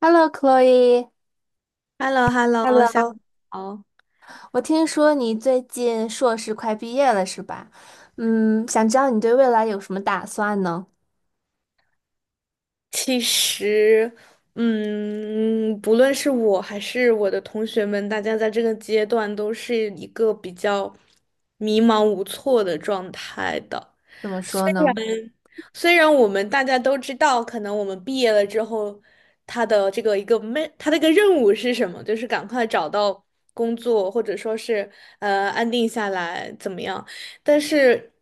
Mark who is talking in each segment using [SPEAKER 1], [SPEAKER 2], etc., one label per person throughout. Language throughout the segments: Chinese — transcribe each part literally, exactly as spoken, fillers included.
[SPEAKER 1] Hello,Chloe,
[SPEAKER 2] h e l l o h e l l o 下
[SPEAKER 1] Hello,
[SPEAKER 2] 午好。
[SPEAKER 1] 我听说你最近硕士快毕业了，是吧？嗯，想知道你对未来有什么打算呢？
[SPEAKER 2] 其实，嗯，不论是我还是我的同学们，大家在这个阶段都是一个比较迷茫无措的状态的。
[SPEAKER 1] 怎么说呢？
[SPEAKER 2] 虽然我们大家都知道，可能我们毕业了之后，他的这个一个没，他的一个任务是什么，就是赶快找到工作，或者说是呃安定下来怎么样？但是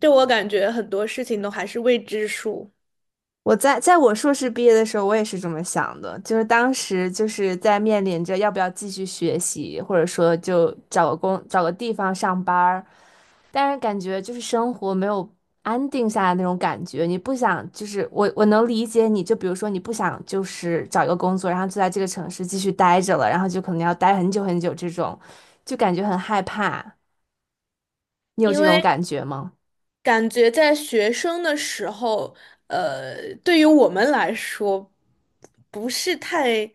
[SPEAKER 2] 对我感觉很多事情都还是未知数。
[SPEAKER 1] 我在在我硕士毕业的时候，我也是这么想的，就是当时就是在面临着要不要继续学习，或者说就找个工找个地方上班儿，但是感觉就是生活没有安定下来那种感觉，你不想就是我我能理解你，就比如说你不想就是找一个工作，然后就在这个城市继续待着了，然后就可能要待很久很久这种，就感觉很害怕。你有
[SPEAKER 2] 因
[SPEAKER 1] 这种
[SPEAKER 2] 为
[SPEAKER 1] 感觉吗？
[SPEAKER 2] 感觉在学生的时候，呃，对于我们来说，不是太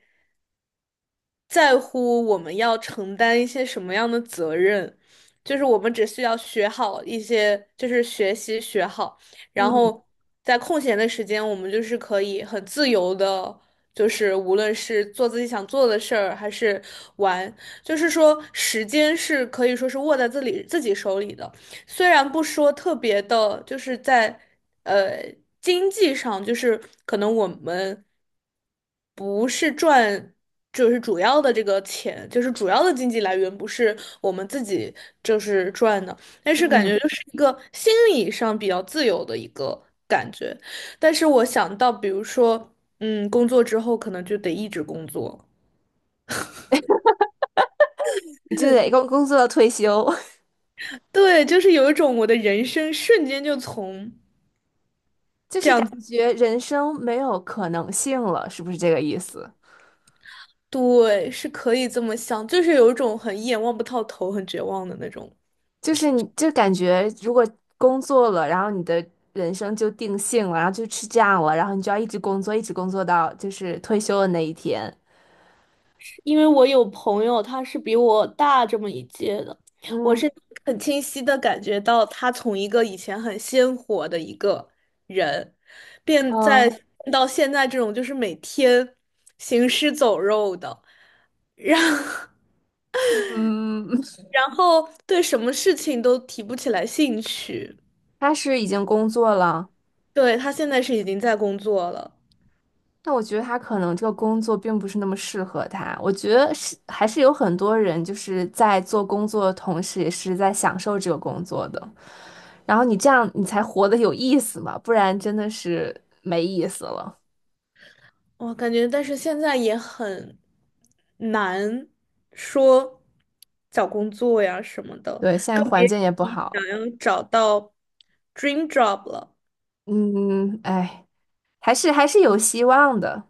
[SPEAKER 2] 在乎我们要承担一些什么样的责任，就是我们只需要学好一些，就是学习学好，然
[SPEAKER 1] 嗯
[SPEAKER 2] 后在空闲的时间，我们就是可以很自由的。就是无论是做自己想做的事儿，还是玩，就是说时间是可以说是握在自己自己手里的。虽然不说特别的，就是在呃经济上，就是可能我们不是赚，就是主要的这个钱，就是主要的经济来源不是我们自己就是赚的，但是感觉
[SPEAKER 1] 嗯，
[SPEAKER 2] 就是一个心理上比较自由的一个感觉。但是我想到，比如说，嗯，工作之后可能就得一直工作，
[SPEAKER 1] 你就得工工作到退休，
[SPEAKER 2] 对，就是有一种我的人生瞬间就从。
[SPEAKER 1] 就是感觉人生没有可能性了，是不是这个意思？
[SPEAKER 2] 对，是可以这么想，就是有一种很一眼望不到头、很绝望的那种。
[SPEAKER 1] 就是你就感觉如果工作了，然后你的人生就定性了，然后就吃样了，然后你就要一直工作，一直工作到就是退休的那一天。
[SPEAKER 2] 因为我有朋友，他是比我大这么一届的，我
[SPEAKER 1] 嗯
[SPEAKER 2] 是 很清晰的感觉到，他从一个以前很鲜活的一个人，变在
[SPEAKER 1] 嗯
[SPEAKER 2] 到现在这种就是每天行尸走肉的，
[SPEAKER 1] 嗯，
[SPEAKER 2] 然后对什么事情都提不起来兴趣。
[SPEAKER 1] 他是已经工作了，
[SPEAKER 2] 对，他现在是已经在工作了。
[SPEAKER 1] 但我觉得他可能这个工作并不是那么适合他。我觉得是还是有很多人就是在做工作的同时，也是在享受这个工作的。然后你这样，你才活得有意思嘛，不然真的是没意思了。
[SPEAKER 2] 我感觉，但是现在也很难说找工作呀什么的，
[SPEAKER 1] 对，现在
[SPEAKER 2] 更比
[SPEAKER 1] 环境也不好。
[SPEAKER 2] 想要找到 dream job 了。
[SPEAKER 1] 嗯，哎，还是还是有希望的。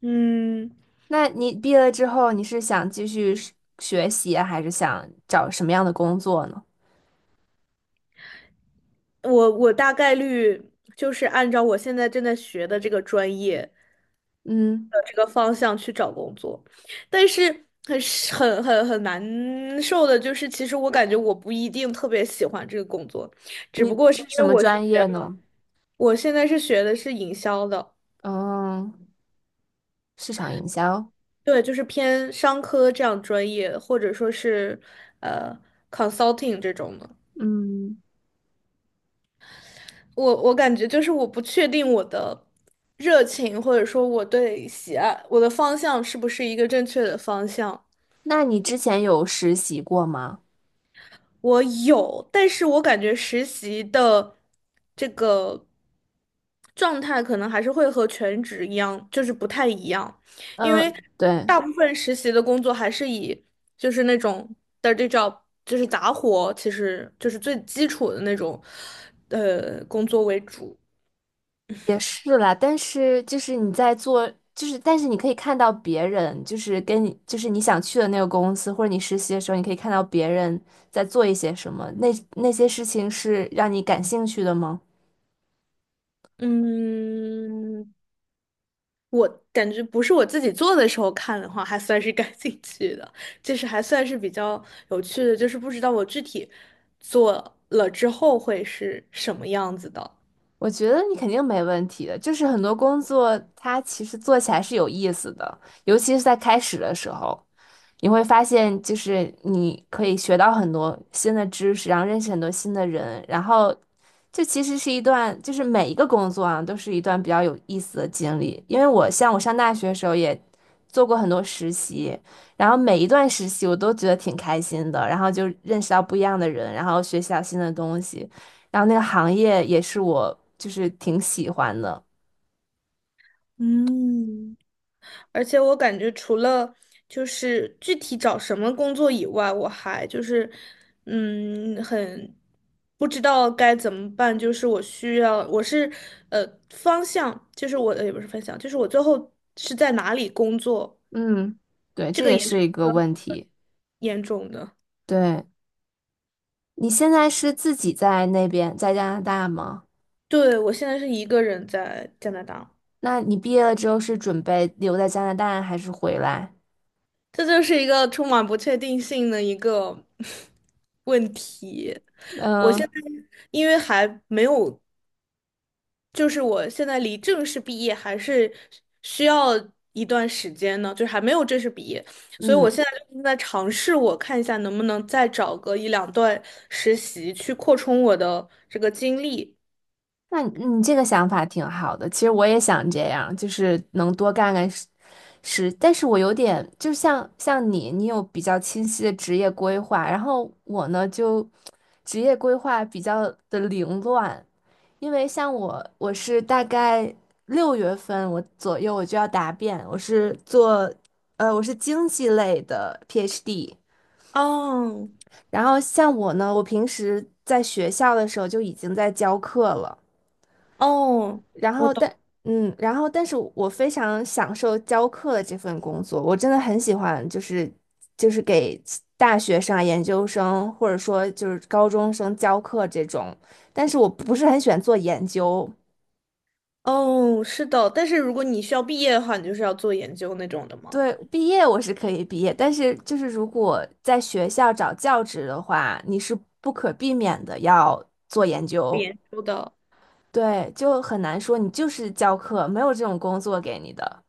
[SPEAKER 2] 嗯，
[SPEAKER 1] 那你毕业了之后，你是想继续是学习啊还是想找什么样的工作呢？
[SPEAKER 2] 我我大概率就是按照我现在正在学的这个专业
[SPEAKER 1] 嗯，
[SPEAKER 2] 的这个方向去找工作，但是很是很很很难受的就是，其实我感觉我不一定特别喜欢这个工作，只
[SPEAKER 1] 你
[SPEAKER 2] 不
[SPEAKER 1] 你
[SPEAKER 2] 过是
[SPEAKER 1] 是
[SPEAKER 2] 因为
[SPEAKER 1] 什么
[SPEAKER 2] 我学。
[SPEAKER 1] 专业呢？
[SPEAKER 2] 我现在是学的是营销的，
[SPEAKER 1] 嗯，市场营销。
[SPEAKER 2] 对，就是偏商科这样专业，或者说是呃 consulting 这种的。
[SPEAKER 1] 嗯，
[SPEAKER 2] 我我感觉就是我不确定我的热情，或者说我对喜爱我的方向是不是一个正确的方向。
[SPEAKER 1] 那你之前有实习过吗？
[SPEAKER 2] 我有，但是我感觉实习的这个状态可能还是会和全职一样，就是不太一样，因为
[SPEAKER 1] 嗯，对。
[SPEAKER 2] 大部分实习的工作还是以就是那种 dirty job，就是杂活，其实就是最基础的那种呃工作为主。
[SPEAKER 1] 也是啦，但是就是你在做，就是但是你可以看到别人，就是跟你，就是你想去的那个公司，或者你实习的时候，你可以看到别人在做一些什么，那那些事情是让你感兴趣的吗？
[SPEAKER 2] 嗯，我感觉不是我自己做的时候看的话，还算是 感兴趣的，就是还算是比较有趣的，就是不知道我具体做了之后会是什么样子的。
[SPEAKER 1] 我觉得你肯定没问题的，就是很多工作它其实做起来是有意思的，尤其是在开始的时候，你会发现，就是你可以学到很多新的知识，然后认识很多新的人，然后这其实是一段，就是每一个工作啊，都是一段比较有意思的经历。因为我像我上大学的时候也做过很多实习，然后每一段实习我都觉得挺开心的，然后就认识到不一样的人，然后学习到新的东西，然后那个行业也是我就是挺喜欢的。
[SPEAKER 2] 嗯，而且我感觉除了就是具体找什么工作以外，我还就是嗯很不知道该怎么办。就是我需要，我是呃方向，就是我的也不是方向，就是我最后是在哪里工作，
[SPEAKER 1] 嗯，对，
[SPEAKER 2] 这
[SPEAKER 1] 这
[SPEAKER 2] 个
[SPEAKER 1] 也
[SPEAKER 2] 也
[SPEAKER 1] 是一
[SPEAKER 2] 是。
[SPEAKER 1] 个问题。
[SPEAKER 2] 严重的。
[SPEAKER 1] 对。你现在是自己在那边，在加拿大吗？
[SPEAKER 2] 对，我现在是一个人在加拿大，
[SPEAKER 1] 那你毕业了之后是准备留在加拿大还是回来？
[SPEAKER 2] 这就是一个充满不确定性的一个 问题。我现
[SPEAKER 1] 嗯
[SPEAKER 2] 在因为还没有，就是我现在离正式毕业还是需要一段时间呢，就是还没有正式毕业，所以我
[SPEAKER 1] 嗯，
[SPEAKER 2] 现在就是在尝试，我看一下能不能再找个一两段实习去扩充我的这个经历。
[SPEAKER 1] 那你你这个想法挺好的。其实我也想这样，就是能多干干事，事但是我有点，就像像你，你有比较清晰的职业规划，然后我呢就职业规划比较的凌乱，因为像我，我是大概六月份我左右我就要答辩，我是做，呃，我是经济类的 P h D。
[SPEAKER 2] 哦。
[SPEAKER 1] 然后像我呢，我平时在学校的时候就已经在教课了。
[SPEAKER 2] 哦。
[SPEAKER 1] 然
[SPEAKER 2] 我
[SPEAKER 1] 后但，
[SPEAKER 2] 懂。
[SPEAKER 1] 嗯，然后但是我非常享受教课的这份工作，我真的很喜欢，就是就是给大学生啊研究生或者说就是高中生教课这种。但是我不是很喜欢做研究，
[SPEAKER 2] 哦，是的，但是如果你需要毕业的话，你就是要做研究那种的吗？
[SPEAKER 1] 对，毕业我是可以毕业，但是就是如果在学校找教职的话，你是不可避免的要做研究，
[SPEAKER 2] 研究的，
[SPEAKER 1] 对，就很难说你就是教课，没有这种工作给你的。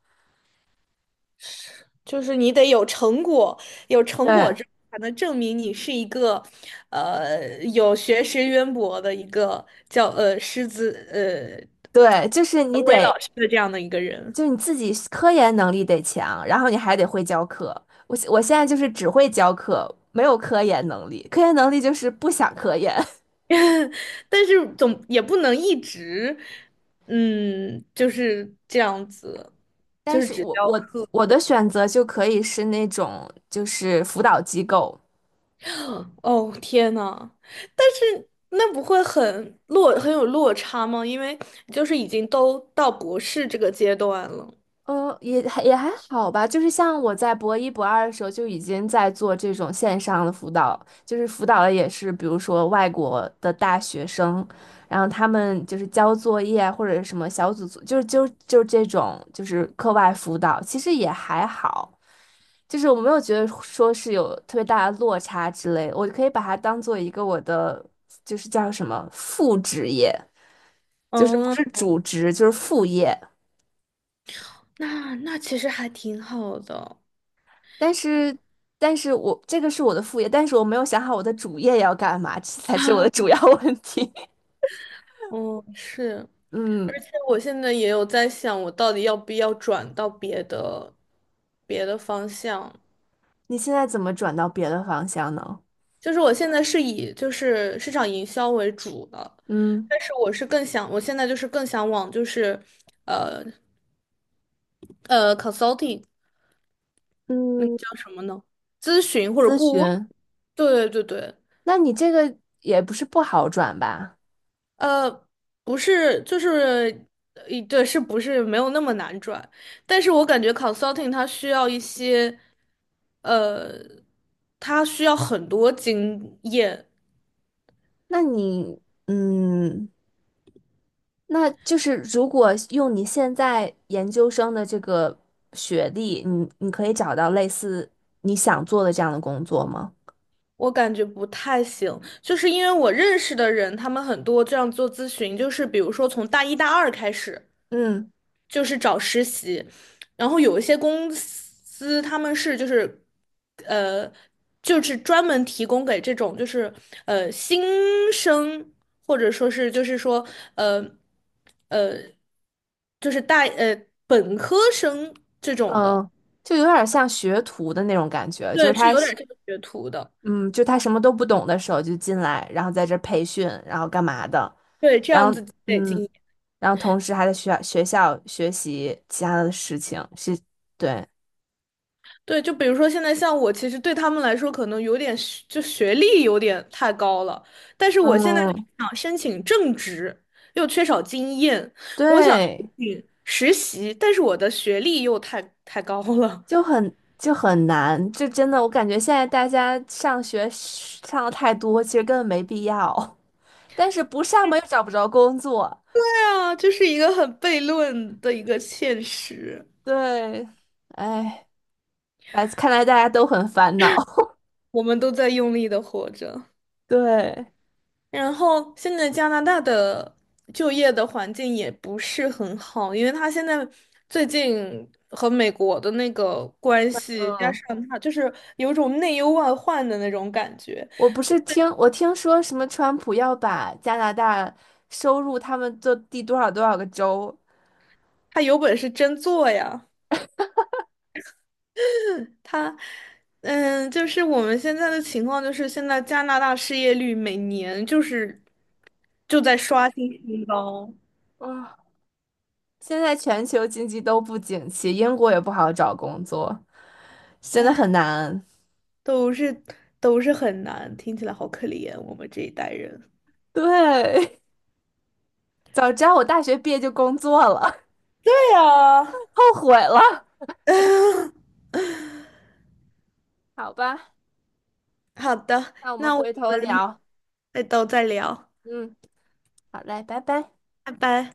[SPEAKER 2] 就是你得有成果，有成果
[SPEAKER 1] 对
[SPEAKER 2] 之后才能证明你是一个，呃，有学识渊博的一个叫呃师资呃
[SPEAKER 1] 对，就是你
[SPEAKER 2] 文为
[SPEAKER 1] 得，
[SPEAKER 2] 老师的这样的一个人。
[SPEAKER 1] 就是你自己科研能力得强，然后你还得会教课。我我现在就是只会教课，没有科研能力，科研能力就是不想科研。
[SPEAKER 2] 但是总也不能一直，嗯，就是这样子，就
[SPEAKER 1] 但
[SPEAKER 2] 是
[SPEAKER 1] 是
[SPEAKER 2] 只
[SPEAKER 1] 我
[SPEAKER 2] 教。
[SPEAKER 1] 我我的选择就可以是那种就是辅导机构。
[SPEAKER 2] 哦，天呐，但是那不会很落，很有落差吗？因为就是已经都到博士这个阶段了。
[SPEAKER 1] 嗯，也还也还好吧，就是像我在博一、博二的时候就已经在做这种线上的辅导，就是辅导的也是，比如说外国的大学生，然后他们就是交作业啊或者什么小组作，就是就就这种就是课外辅导，其实也还好，就是我没有觉得说是有特别大的落差之类的我可以把它当做一个我的就是叫什么副职业，就是不
[SPEAKER 2] 嗯，
[SPEAKER 1] 是主职，就是副业。
[SPEAKER 2] 那那其实还挺好的。
[SPEAKER 1] 但是，但是我这个是我的副业，但是我没有想好我的主业要干嘛，这才是我的主要问题。
[SPEAKER 2] 嗯，是，而
[SPEAKER 1] 嗯，
[SPEAKER 2] 且我现在也有在想，我到底要不要转到别的别的方向？
[SPEAKER 1] 你现在怎么转到别的方向呢？
[SPEAKER 2] 就是我现在是以就是市场营销为主的，
[SPEAKER 1] 嗯
[SPEAKER 2] 但是我是更想，我现在就是更想往就是呃呃 consulting。那个
[SPEAKER 1] 嗯，
[SPEAKER 2] 叫什么呢？咨询或者
[SPEAKER 1] 咨
[SPEAKER 2] 顾问？
[SPEAKER 1] 询，
[SPEAKER 2] 对对对对，
[SPEAKER 1] 那你这个也不是不好转吧？
[SPEAKER 2] 呃，不是，就是，呃对，是不是没有那么难转？但是我感觉 consulting 它需要一些，呃，它需要很多经验，
[SPEAKER 1] 那你嗯，那就是如果用你现在研究生的这个学历，你你可以找到类似你想做的这样的工作吗？
[SPEAKER 2] 我感觉不太行。就是因为我认识的人，他们很多这样做咨询，就是比如说从大一大二开始。
[SPEAKER 1] 嗯。
[SPEAKER 2] 就是找实习，然后有一些公司他们是就是呃就是专门提供给这种就是呃新生或者说是就是说呃呃就是大呃本科生这种的，
[SPEAKER 1] 嗯，就有点像学徒的那种感觉，就是
[SPEAKER 2] 对，是
[SPEAKER 1] 他
[SPEAKER 2] 有
[SPEAKER 1] 是，
[SPEAKER 2] 点这个学徒的，
[SPEAKER 1] 嗯，就他什么都不懂的时候就进来，然后在这儿培训，然后干嘛的，
[SPEAKER 2] 对，这
[SPEAKER 1] 然
[SPEAKER 2] 样
[SPEAKER 1] 后
[SPEAKER 2] 子积累经
[SPEAKER 1] 嗯，
[SPEAKER 2] 验。
[SPEAKER 1] 然后同时还在学校学校学习其他的事情，是，对，
[SPEAKER 2] 对，就比如说现在像我，其实对他们来说可能有点学就学历有点太高了，但是我现在就
[SPEAKER 1] 嗯，
[SPEAKER 2] 想申请正职，又缺少经验，我想申
[SPEAKER 1] 对，
[SPEAKER 2] 请实习，但是我的学历又太太高了，
[SPEAKER 1] 就很就很难，就真的我感觉现在大家上学上的太多，其实根本没必要，但是不上嘛又找不着工作，
[SPEAKER 2] 对啊，就是一个很悖论的一个现实，
[SPEAKER 1] 对，哎，来，看来大家都很烦恼。
[SPEAKER 2] 我们都在用力的活着。
[SPEAKER 1] 对，
[SPEAKER 2] 然后现在加拿大的就业的环境也不是很好，因为他现在最近和美国的那个关系，加
[SPEAKER 1] 嗯，
[SPEAKER 2] 上他就是有一种内忧外患的那种感觉。
[SPEAKER 1] 我不是听我听说什么川普要把加拿大收入他们的第多少多少个州
[SPEAKER 2] 他有本事真做呀，他嗯，就是我们现在的情况就是现在加拿大失业率每年就是就在刷新新高，
[SPEAKER 1] 啊，现在全球经济都不景气，英国也不好找工作，真的很难。
[SPEAKER 2] 都是都是很难，听起来好可怜，我们这一代人。
[SPEAKER 1] 对，早知道我大学毕业就工作了，
[SPEAKER 2] 对呀。
[SPEAKER 1] 后悔了。好吧，
[SPEAKER 2] 好的，
[SPEAKER 1] 那我们
[SPEAKER 2] 那我
[SPEAKER 1] 回头
[SPEAKER 2] 们
[SPEAKER 1] 聊。
[SPEAKER 2] 再都再聊，
[SPEAKER 1] 嗯，好嘞，拜拜。
[SPEAKER 2] 拜拜。